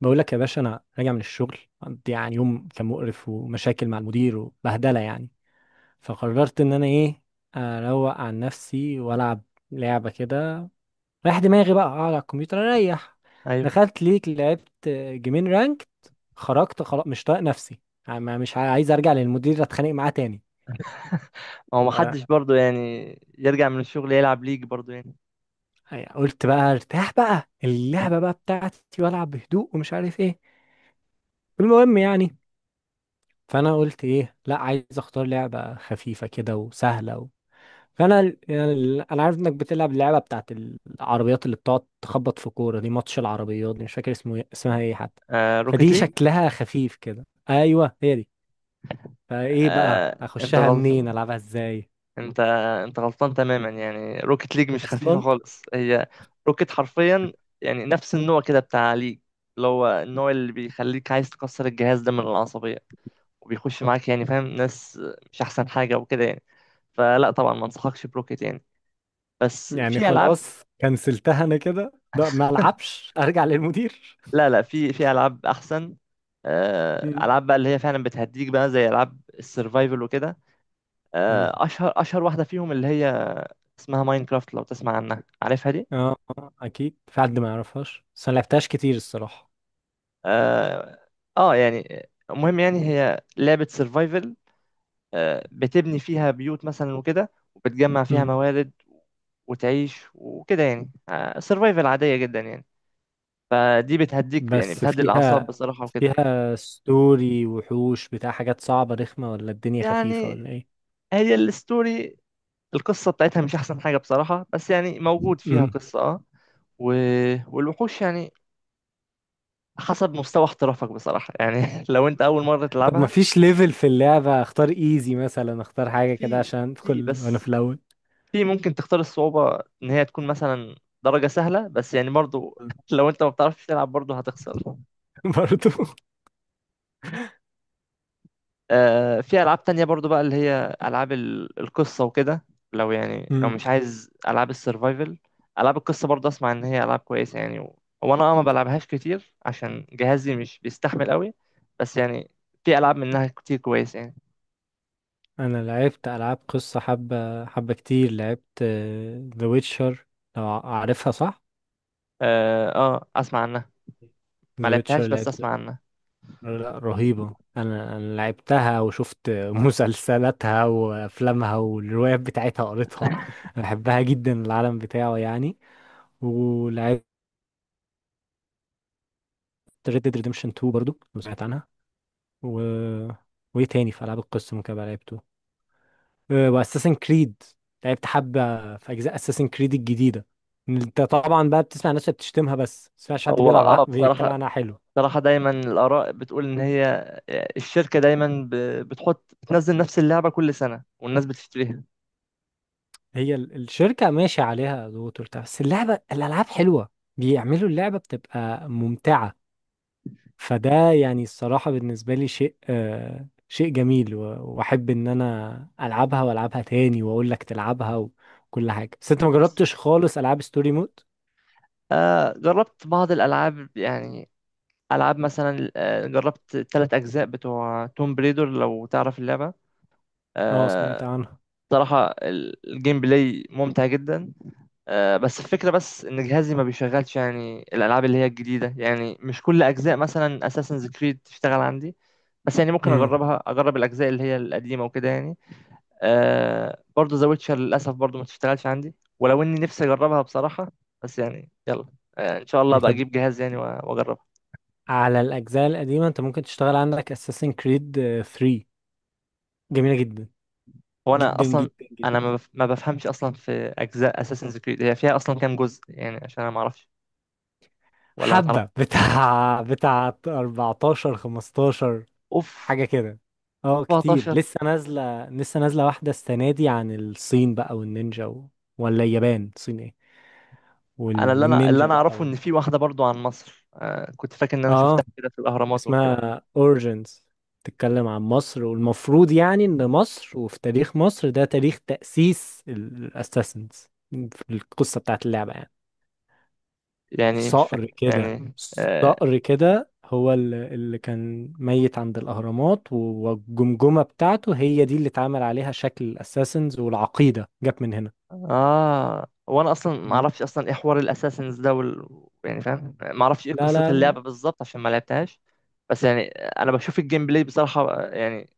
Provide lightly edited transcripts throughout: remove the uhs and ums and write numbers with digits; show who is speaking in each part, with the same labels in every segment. Speaker 1: بقول لك يا باشا، انا راجع من الشغل، عندي يعني يوم كان مقرف ومشاكل مع المدير وبهدله يعني. فقررت ان انا ايه، اروق عن نفسي والعب لعبه كده، رايح دماغي بقى اقعد على الكمبيوتر اريح.
Speaker 2: ايوه.
Speaker 1: دخلت ليك لعبت جيمين رانك، خرجت خلاص مش طايق نفسي، يعني مش عايز ارجع للمدير اتخانق معاه تاني.
Speaker 2: هو ما
Speaker 1: ف-
Speaker 2: حدش برضه يعني يرجع من الشغل يلعب ليج برضه يعني؟
Speaker 1: قلت بقى ارتاح بقى اللعبه بقى بتاعتي والعب بهدوء ومش عارف ايه المهم يعني. فانا قلت ايه، لا عايز اختار لعبه خفيفه كده وسهله. فانا انا عارف انك بتلعب اللعبه بتاعت العربيات اللي بتقعد تخبط في كوره دي، ماتش العربيات دي، مش فاكر اسمها ايه حتى.
Speaker 2: آه، روكيت
Speaker 1: فدي
Speaker 2: ليج.
Speaker 1: شكلها خفيف كده، ايوه هي دي. فايه بقى
Speaker 2: آه، انت
Speaker 1: اخشها
Speaker 2: غلطان.
Speaker 1: منين العبها ازاي؟
Speaker 2: انت انت غلطان تماما يعني. روكيت ليج مش خفيفه
Speaker 1: اصلا
Speaker 2: خالص هي. روكيت حرفيا يعني نفس النوع كده بتاع ليج، اللي هو النوع اللي بيخليك عايز تكسر الجهاز ده من العصبيه، وبيخش معاك يعني فاهم ناس. مش احسن حاجه وكده يعني. فلا، طبعا ما انصحكش بروكيت يعني. بس
Speaker 1: يعني.
Speaker 2: في العاب.
Speaker 1: خلاص كنسلتها انا كده، ده ما العبش ارجع للمدير.
Speaker 2: لا لا، في العاب احسن. آه،
Speaker 1: مم.
Speaker 2: العاب بقى اللي هي فعلا بتهديك بقى زي العاب السرفايفل وكده.
Speaker 1: مم.
Speaker 2: آه، اشهر واحده فيهم اللي هي اسمها ماينكرافت، لو تسمع عنها، عارفها دي.
Speaker 1: اه، آه، اكيد في حد ما يعرفهاش بس انا لعبتهاش كتير الصراحه.
Speaker 2: اه. يعني المهم يعني هي لعبه سرفايفل. بتبني فيها بيوت مثلا وكده، وبتجمع فيها موارد وتعيش وكده يعني. سرفايفل عاديه جدا يعني. فدي بتهديك، يعني
Speaker 1: بس
Speaker 2: بتهدي الاعصاب
Speaker 1: فيها
Speaker 2: بصراحه وكده.
Speaker 1: فيها ستوري وحوش بتاع حاجات صعبة رخمة، ولا الدنيا خفيفة
Speaker 2: يعني
Speaker 1: ولا ايه؟
Speaker 2: هي الستوري، القصة بتاعتها مش أحسن حاجة بصراحة، بس يعني موجود فيها
Speaker 1: مم.
Speaker 2: قصة اه و... والوحوش، يعني حسب مستوى احترافك بصراحة يعني، لو أنت أول مرة
Speaker 1: طب ما
Speaker 2: تلعبها.
Speaker 1: فيش ليفل في اللعبة، اختار ايزي مثلا، اختار حاجة كده
Speaker 2: في
Speaker 1: عشان
Speaker 2: في
Speaker 1: ادخل وانا
Speaker 2: بس
Speaker 1: في الاول.
Speaker 2: في ممكن تختار الصعوبة إن هي تكون مثلا درجة سهلة، بس يعني برضو
Speaker 1: مم.
Speaker 2: لو أنت ما بتعرفش تلعب برضو هتخسر.
Speaker 1: برضو.
Speaker 2: آه، في ألعاب تانية برضو بقى اللي هي ألعاب القصة وكده. لو
Speaker 1: مم.
Speaker 2: مش عايز ألعاب السرفايفل، ألعاب القصة برضو أسمع إن هي ألعاب كويسة يعني. و... وأنا ما
Speaker 1: مم.
Speaker 2: بلعبهاش كتير عشان جهازي مش بيستحمل قوي. بس يعني في ألعاب منها كتير كويسة يعني.
Speaker 1: انا لعبت العاب قصة حبة حبة كتير، لعبت ذا ويتشر لو عارفها صح.
Speaker 2: أسمع عنها. ما
Speaker 1: ذا ويتشر
Speaker 2: لعبتهاش بس
Speaker 1: لعبت،
Speaker 2: أسمع عنها.
Speaker 1: لا رهيبة، أنا لعبتها وشفت مسلسلاتها وأفلامها والروايات بتاعتها قريتها، أنا بحبها جدا العالم بتاعه يعني. ولعبت Red Dead Redemption 2 برضو لو سمعت عنها و... وإيه تاني في ألعاب القصة ممكن أبقى لعبته؟ أه، وأساسن كريد، لعبت حبة في أجزاء أساسن كريد الجديدة. أنت طبعا بقى بتسمع الناس اللي بتشتمها بس ما تسمعش حد
Speaker 2: هو
Speaker 1: بيلعب بيتكلم
Speaker 2: بصراحة،
Speaker 1: عنها حلو.
Speaker 2: بصراحة دايما الآراء بتقول إن هي الشركة دايما ب- بتحط بتنزل نفس اللعبة كل سنة والناس بتشتريها.
Speaker 1: هي الشركة ماشية عليها ضغوط وبتاع، بس اللعبة الألعاب حلوة، بيعملوا اللعبة بتبقى ممتعة. فده يعني الصراحة بالنسبة لي شيء جميل، وأحب إن أنا ألعبها وألعبها تاني وأقول لك تلعبها وكل حاجة. بس أنت ما جربتش خالص ألعاب ستوري مود؟
Speaker 2: آه، جربت بعض الألعاب يعني، ألعاب مثلا، جربت التلات أجزاء بتوع توم بريدر لو تعرف اللعبة.
Speaker 1: أه، سمعت
Speaker 2: آه.
Speaker 1: عنها.
Speaker 2: صراحة الجيم بلاي ممتع جدا. آه، بس الفكرة بس إن جهازي ما بيشغلش يعني الألعاب اللي هي الجديدة، يعني مش كل أجزاء مثلا أساسنز كريد تشتغل عندي. بس يعني ممكن
Speaker 1: امم.
Speaker 2: أجربها، أجرب الأجزاء اللي هي القديمة وكده يعني. آه، برضه ذا ويتشر للأسف برضه ما تشتغلش عندي، ولو إني نفسي أجربها بصراحة. بس يعني يلا. آه، إن شاء الله أبقى
Speaker 1: أنت
Speaker 2: أجيب جهاز يعني، وأجربها.
Speaker 1: على الأجزاء القديمة، أنت ممكن تشتغل عندك أساسن كريد 3، جميلة جدا
Speaker 2: هو أنا
Speaker 1: جدا
Speaker 2: أصلا،
Speaker 1: جدا جدا.
Speaker 2: أنا ما بف- ما بفهمش أصلا في أجزاء أساسنز كريد، هي فيها أصلا كام جزء يعني؟ عشان أنا ما أعرفش ولا ما تعرفش.
Speaker 1: حبة بتاع 14 15
Speaker 2: أوف.
Speaker 1: حاجة كده. اه، كتير
Speaker 2: 17.
Speaker 1: لسه نازلة لسه نازلة، واحدة السنة دي عن الصين بقى والنينجا. ولا اليابان، الصين، ايه؟
Speaker 2: أنا اللي أنا اللي
Speaker 1: والنينجا
Speaker 2: أنا
Speaker 1: بقى
Speaker 2: أعرفه
Speaker 1: و...
Speaker 2: إن في واحدة برضه عن مصر. كنت فاكر إن أنا شفتها
Speaker 1: اه،
Speaker 2: كده في الأهرامات والكلام ده.
Speaker 1: اسمها اوريجينز، تتكلم عن مصر، والمفروض يعني ان مصر، وفي تاريخ مصر ده تاريخ تأسيس الاساسنز في القصة بتاعت اللعبة يعني.
Speaker 2: يعني مش فاهم.
Speaker 1: صقر كده.
Speaker 2: يعني
Speaker 1: صقر كده هو اللي كان ميت عند الأهرامات، والجمجمة بتاعته هي دي اللي اتعمل عليها شكل الأساسنز، والعقيدة جت من هنا.
Speaker 2: اه. وانا اصلا ما
Speaker 1: مم.
Speaker 2: اعرفش اصلا ايه حوار الاساسنز ده يعني فاهم، ما اعرفش ايه
Speaker 1: لا
Speaker 2: قصه
Speaker 1: لا،
Speaker 2: اللعبه بالظبط عشان ما لعبتهاش. بس يعني انا بشوف الجيم بلاي بصراحه، آه، يعني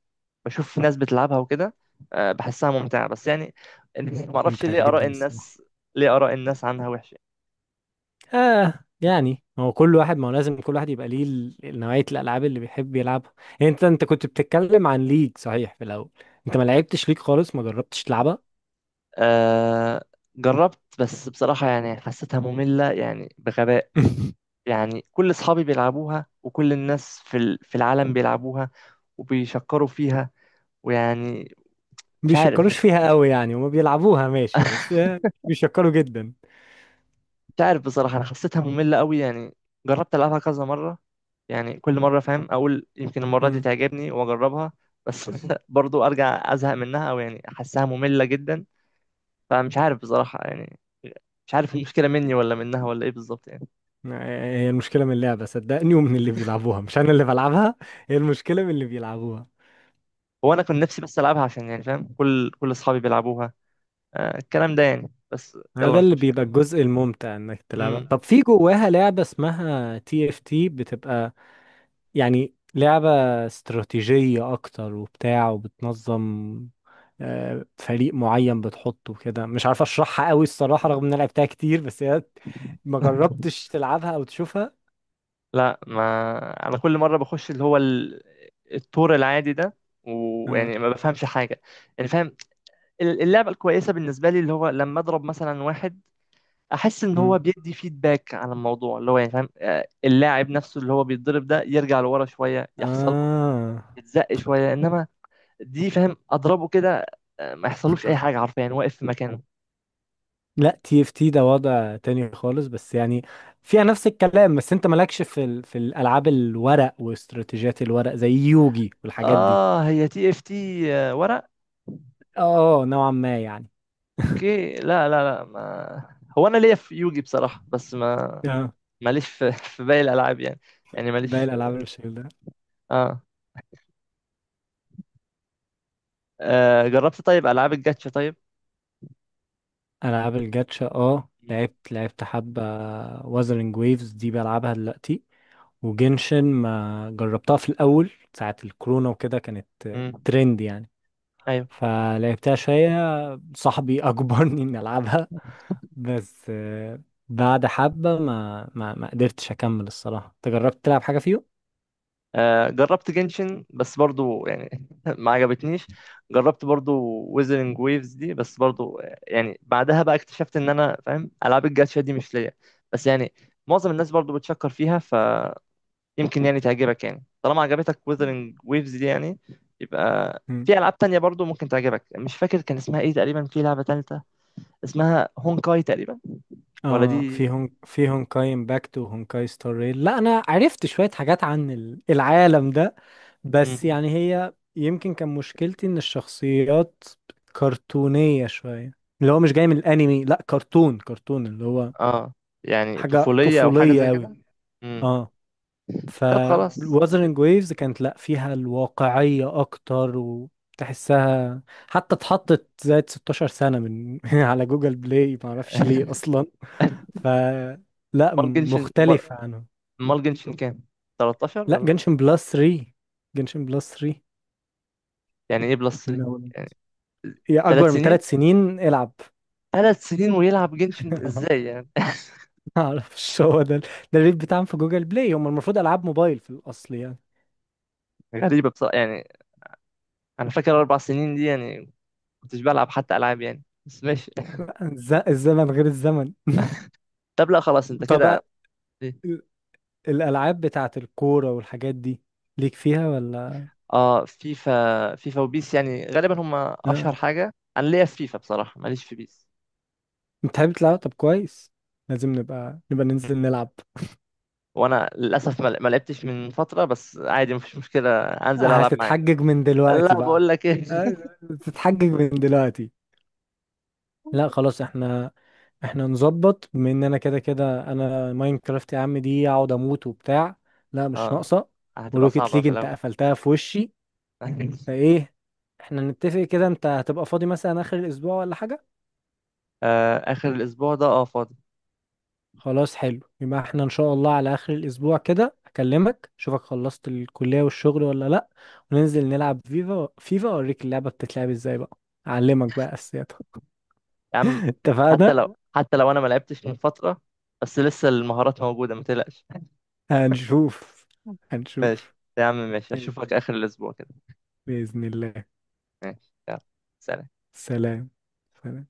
Speaker 2: بشوف ناس بتلعبها وكده. آه، بحسها ممتعه، بس يعني ما اعرفش
Speaker 1: ممتع
Speaker 2: ليه اراء
Speaker 1: جدا الصراحة.
Speaker 2: الناس ليه اراء الناس عنها وحشه.
Speaker 1: آه يعني هو كل واحد، ما هو لازم كل واحد يبقى ليه نوعية الألعاب اللي بيحب يلعبها. يعني انت كنت بتتكلم عن ليج، صحيح في الأول؟ انت ما لعبتش ليج خالص، ما جربتش تلعبها.
Speaker 2: آه، جربت بس بصراحة يعني حسيتها مملة يعني بغباء. يعني كل أصحابي بيلعبوها وكل الناس في العالم بيلعبوها وبيشكروا فيها ويعني. مش عارف
Speaker 1: بيشكروش فيها قوي يعني، وما بيلعبوها ماشي، بس بيشكروا جدا.
Speaker 2: مش عارف بصراحة. أنا حسيتها مملة قوي يعني. جربت ألعبها كذا مرة، يعني كل مرة فاهم أقول يمكن المرة دي تعجبني وأجربها، بس برضو أرجع أزهق منها، أو يعني أحسها مملة جدا. فمش عارف بصراحة يعني. مش عارف المشكلة مني ولا منها ولا إيه بالظبط يعني.
Speaker 1: هي المشكلة من اللعبة صدقني، ومن اللي بيلعبوها، مش أنا اللي بلعبها، هي المشكلة من اللي بيلعبوها.
Speaker 2: هو أنا كنت نفسي بس ألعبها عشان يعني فاهم كل أصحابي بيلعبوها، آه الكلام ده يعني. بس
Speaker 1: هو
Speaker 2: يلا،
Speaker 1: ده
Speaker 2: مش
Speaker 1: اللي
Speaker 2: مشكلة.
Speaker 1: بيبقى الجزء الممتع إنك تلعبها.
Speaker 2: مم.
Speaker 1: طب في جواها لعبة اسمها تي اف تي، بتبقى يعني لعبة استراتيجية أكتر وبتاع، وبتنظم فريق معين بتحطه كده، مش عارف أشرحها قوي الصراحة رغم إن أنا لعبتها كتير، بس هي، ما جربتش تلعبها أو تشوفها؟
Speaker 2: لا، ما انا كل مره بخش اللي هو التور العادي ده
Speaker 1: آه.
Speaker 2: ويعني ما بفهمش حاجه. يعني فاهم اللعبة الكويسة بالنسبة لي اللي هو لما أضرب مثلا واحد، أحس إن
Speaker 1: مم.
Speaker 2: هو بيدي فيدباك على الموضوع، اللي هو يعني فاهم، آه، اللاعب نفسه اللي هو بيتضرب ده يرجع لورا شوية، يحصل له
Speaker 1: آه
Speaker 2: يتزق شوية. إنما دي فاهم أضربه كده، ما يحصلوش أي حاجة حرفيا يعني، واقف في مكانه.
Speaker 1: لا، تي اف تي ده وضع تاني خالص، بس يعني فيها نفس الكلام، بس انت مالكش في الالعاب الورق واستراتيجيات الورق زي يوجي والحاجات دي.
Speaker 2: آه، هي تي إف تي ورق؟
Speaker 1: اه، نوعا ما يعني.
Speaker 2: أوكي. لا لا لا، ما هو أنا ليا في يوجي بصراحة، بس ما
Speaker 1: اه،
Speaker 2: ماليش في باقي الألعاب يعني. يعني
Speaker 1: باقي
Speaker 2: ماليش
Speaker 1: الالعاب
Speaker 2: في...
Speaker 1: اللي بالشكل ده،
Speaker 2: آه. آه، جربت طيب ألعاب الجاتشا طيب؟
Speaker 1: العاب الجاتشا، اه،
Speaker 2: مم.
Speaker 1: لعبت حبة، وازرنج ويفز دي بلعبها دلوقتي، وجنشن ما جربتها، في الاول ساعة الكورونا وكده كانت
Speaker 2: مم.
Speaker 1: ترند يعني،
Speaker 2: أيوة.
Speaker 1: فلعبتها شوية، صاحبي اجبرني اني العبها، بس بعد حبة ما قدرتش أكمل الصراحة. أنت جربت تلعب حاجة فيهم؟
Speaker 2: آه، جربت جنشن بس برضو يعني ما عجبتنيش. جربت برضو ويزرنج ويفز دي بس برضو، يعني بعدها بقى اكتشفت ان انا فاهم العاب الجاتشا دي مش ليا. بس يعني معظم الناس برضو بتشكر فيها، فيمكن يعني تعجبك، يعني طالما عجبتك ويزرنج ويفز دي يعني يبقى
Speaker 1: مم.
Speaker 2: في العاب تانية برضو ممكن تعجبك. مش فاكر كان اسمها ايه تقريبا، في لعبة تالتة اسمها هونكاي تقريبا. ولا
Speaker 1: اه،
Speaker 2: دي.
Speaker 1: في هونكاي امباكت وهونكاي ستار ريل، لا انا عرفت شوية حاجات عن العالم ده، بس
Speaker 2: مم.
Speaker 1: يعني هي يمكن كان مشكلتي ان الشخصيات كرتونية شوية، اللي هو مش جاي من الانمي، لا كرتون كرتون اللي هو
Speaker 2: اه، يعني
Speaker 1: حاجة
Speaker 2: طفولية او حاجة
Speaker 1: طفولية
Speaker 2: زي
Speaker 1: قوي.
Speaker 2: كده. مم.
Speaker 1: اه. ف
Speaker 2: طب خلاص.
Speaker 1: Wuthering Waves كانت، لا فيها الواقعية أكتر، وتحسها حتى اتحطت زائد 16 سنة من على جوجل بلاي، معرفش ليه أصلا. ف لا
Speaker 2: مال جنشن مال
Speaker 1: مختلفة عنه.
Speaker 2: مال جنشن كام؟ 13
Speaker 1: لا،
Speaker 2: ولا إيه؟
Speaker 1: جنشن بلس 3. جنشن بلس 3
Speaker 2: يعني ايه بلس
Speaker 1: من
Speaker 2: دي؟
Speaker 1: أول، يا أكبر
Speaker 2: 3
Speaker 1: من
Speaker 2: سنين.
Speaker 1: 3 سنين العب.
Speaker 2: 3 سنين ويلعب جنشن ازاي يعني؟
Speaker 1: معرفش، هو ده الريت بتاعهم في جوجل بلاي، هم المفروض ألعاب موبايل في الأصل يعني.
Speaker 2: غريبة بصراحة يعني. انا فاكر 4 سنين دي يعني كنتش بلعب حتى العاب يعني، بس ماشي.
Speaker 1: لا، الزمن غير الزمن.
Speaker 2: طب لا خلاص انت
Speaker 1: طب،
Speaker 2: كده. إيه؟
Speaker 1: الألعاب بتاعة الكورة والحاجات دي، ليك فيها ولا؟
Speaker 2: اه، فيفا وبيس يعني غالبا هم
Speaker 1: اه،
Speaker 2: اشهر حاجة. انا ليا في فيفا بصراحة، ماليش في بيس.
Speaker 1: بتحب تلعب؟ طب كويس، لازم نبقى ننزل نلعب.
Speaker 2: وانا للاسف ما لعبتش من فترة، بس عادي مفيش مشكلة انزل العب معاك.
Speaker 1: هتتحجج من
Speaker 2: لا،
Speaker 1: دلوقتي بقى؟
Speaker 2: بقول لك ايه.
Speaker 1: آه، تتحجج من دلوقتي؟ لا خلاص، احنا نظبط، بما ان انا كده كده، انا ماينكرافت يا عم دي اقعد اموت وبتاع، لا مش
Speaker 2: اه،
Speaker 1: ناقصة،
Speaker 2: هتبقى
Speaker 1: وروكيت
Speaker 2: صعبة
Speaker 1: ليج
Speaker 2: في
Speaker 1: انت
Speaker 2: الاول.
Speaker 1: قفلتها في وشي، فايه؟ احنا نتفق كده، انت هتبقى فاضي مثلا اخر الاسبوع ولا حاجة؟
Speaker 2: آه، اخر الاسبوع ده فاضي.
Speaker 1: خلاص حلو، يبقى احنا ان شاء الله على اخر الاسبوع كده اكلمك، اشوفك خلصت الكلية والشغل ولا لا، وننزل نلعب فيفا. فيفا اوريك اللعبة بتتلعب ازاي بقى، اعلمك بقى اساسياتها.
Speaker 2: يا عم. حتى
Speaker 1: اتفقنا.
Speaker 2: لو حتى لو انا ما لعبتش من فتره، بس لسه المهارات موجوده، ما تقلقش.
Speaker 1: هنشوف
Speaker 2: ماشي
Speaker 1: هنشوف.
Speaker 2: يا عم، ماشي، اشوفك
Speaker 1: ماشي.
Speaker 2: اخر الاسبوع كده.
Speaker 1: بإذن الله.
Speaker 2: ماشي يلا. سلام.
Speaker 1: سلام سلام.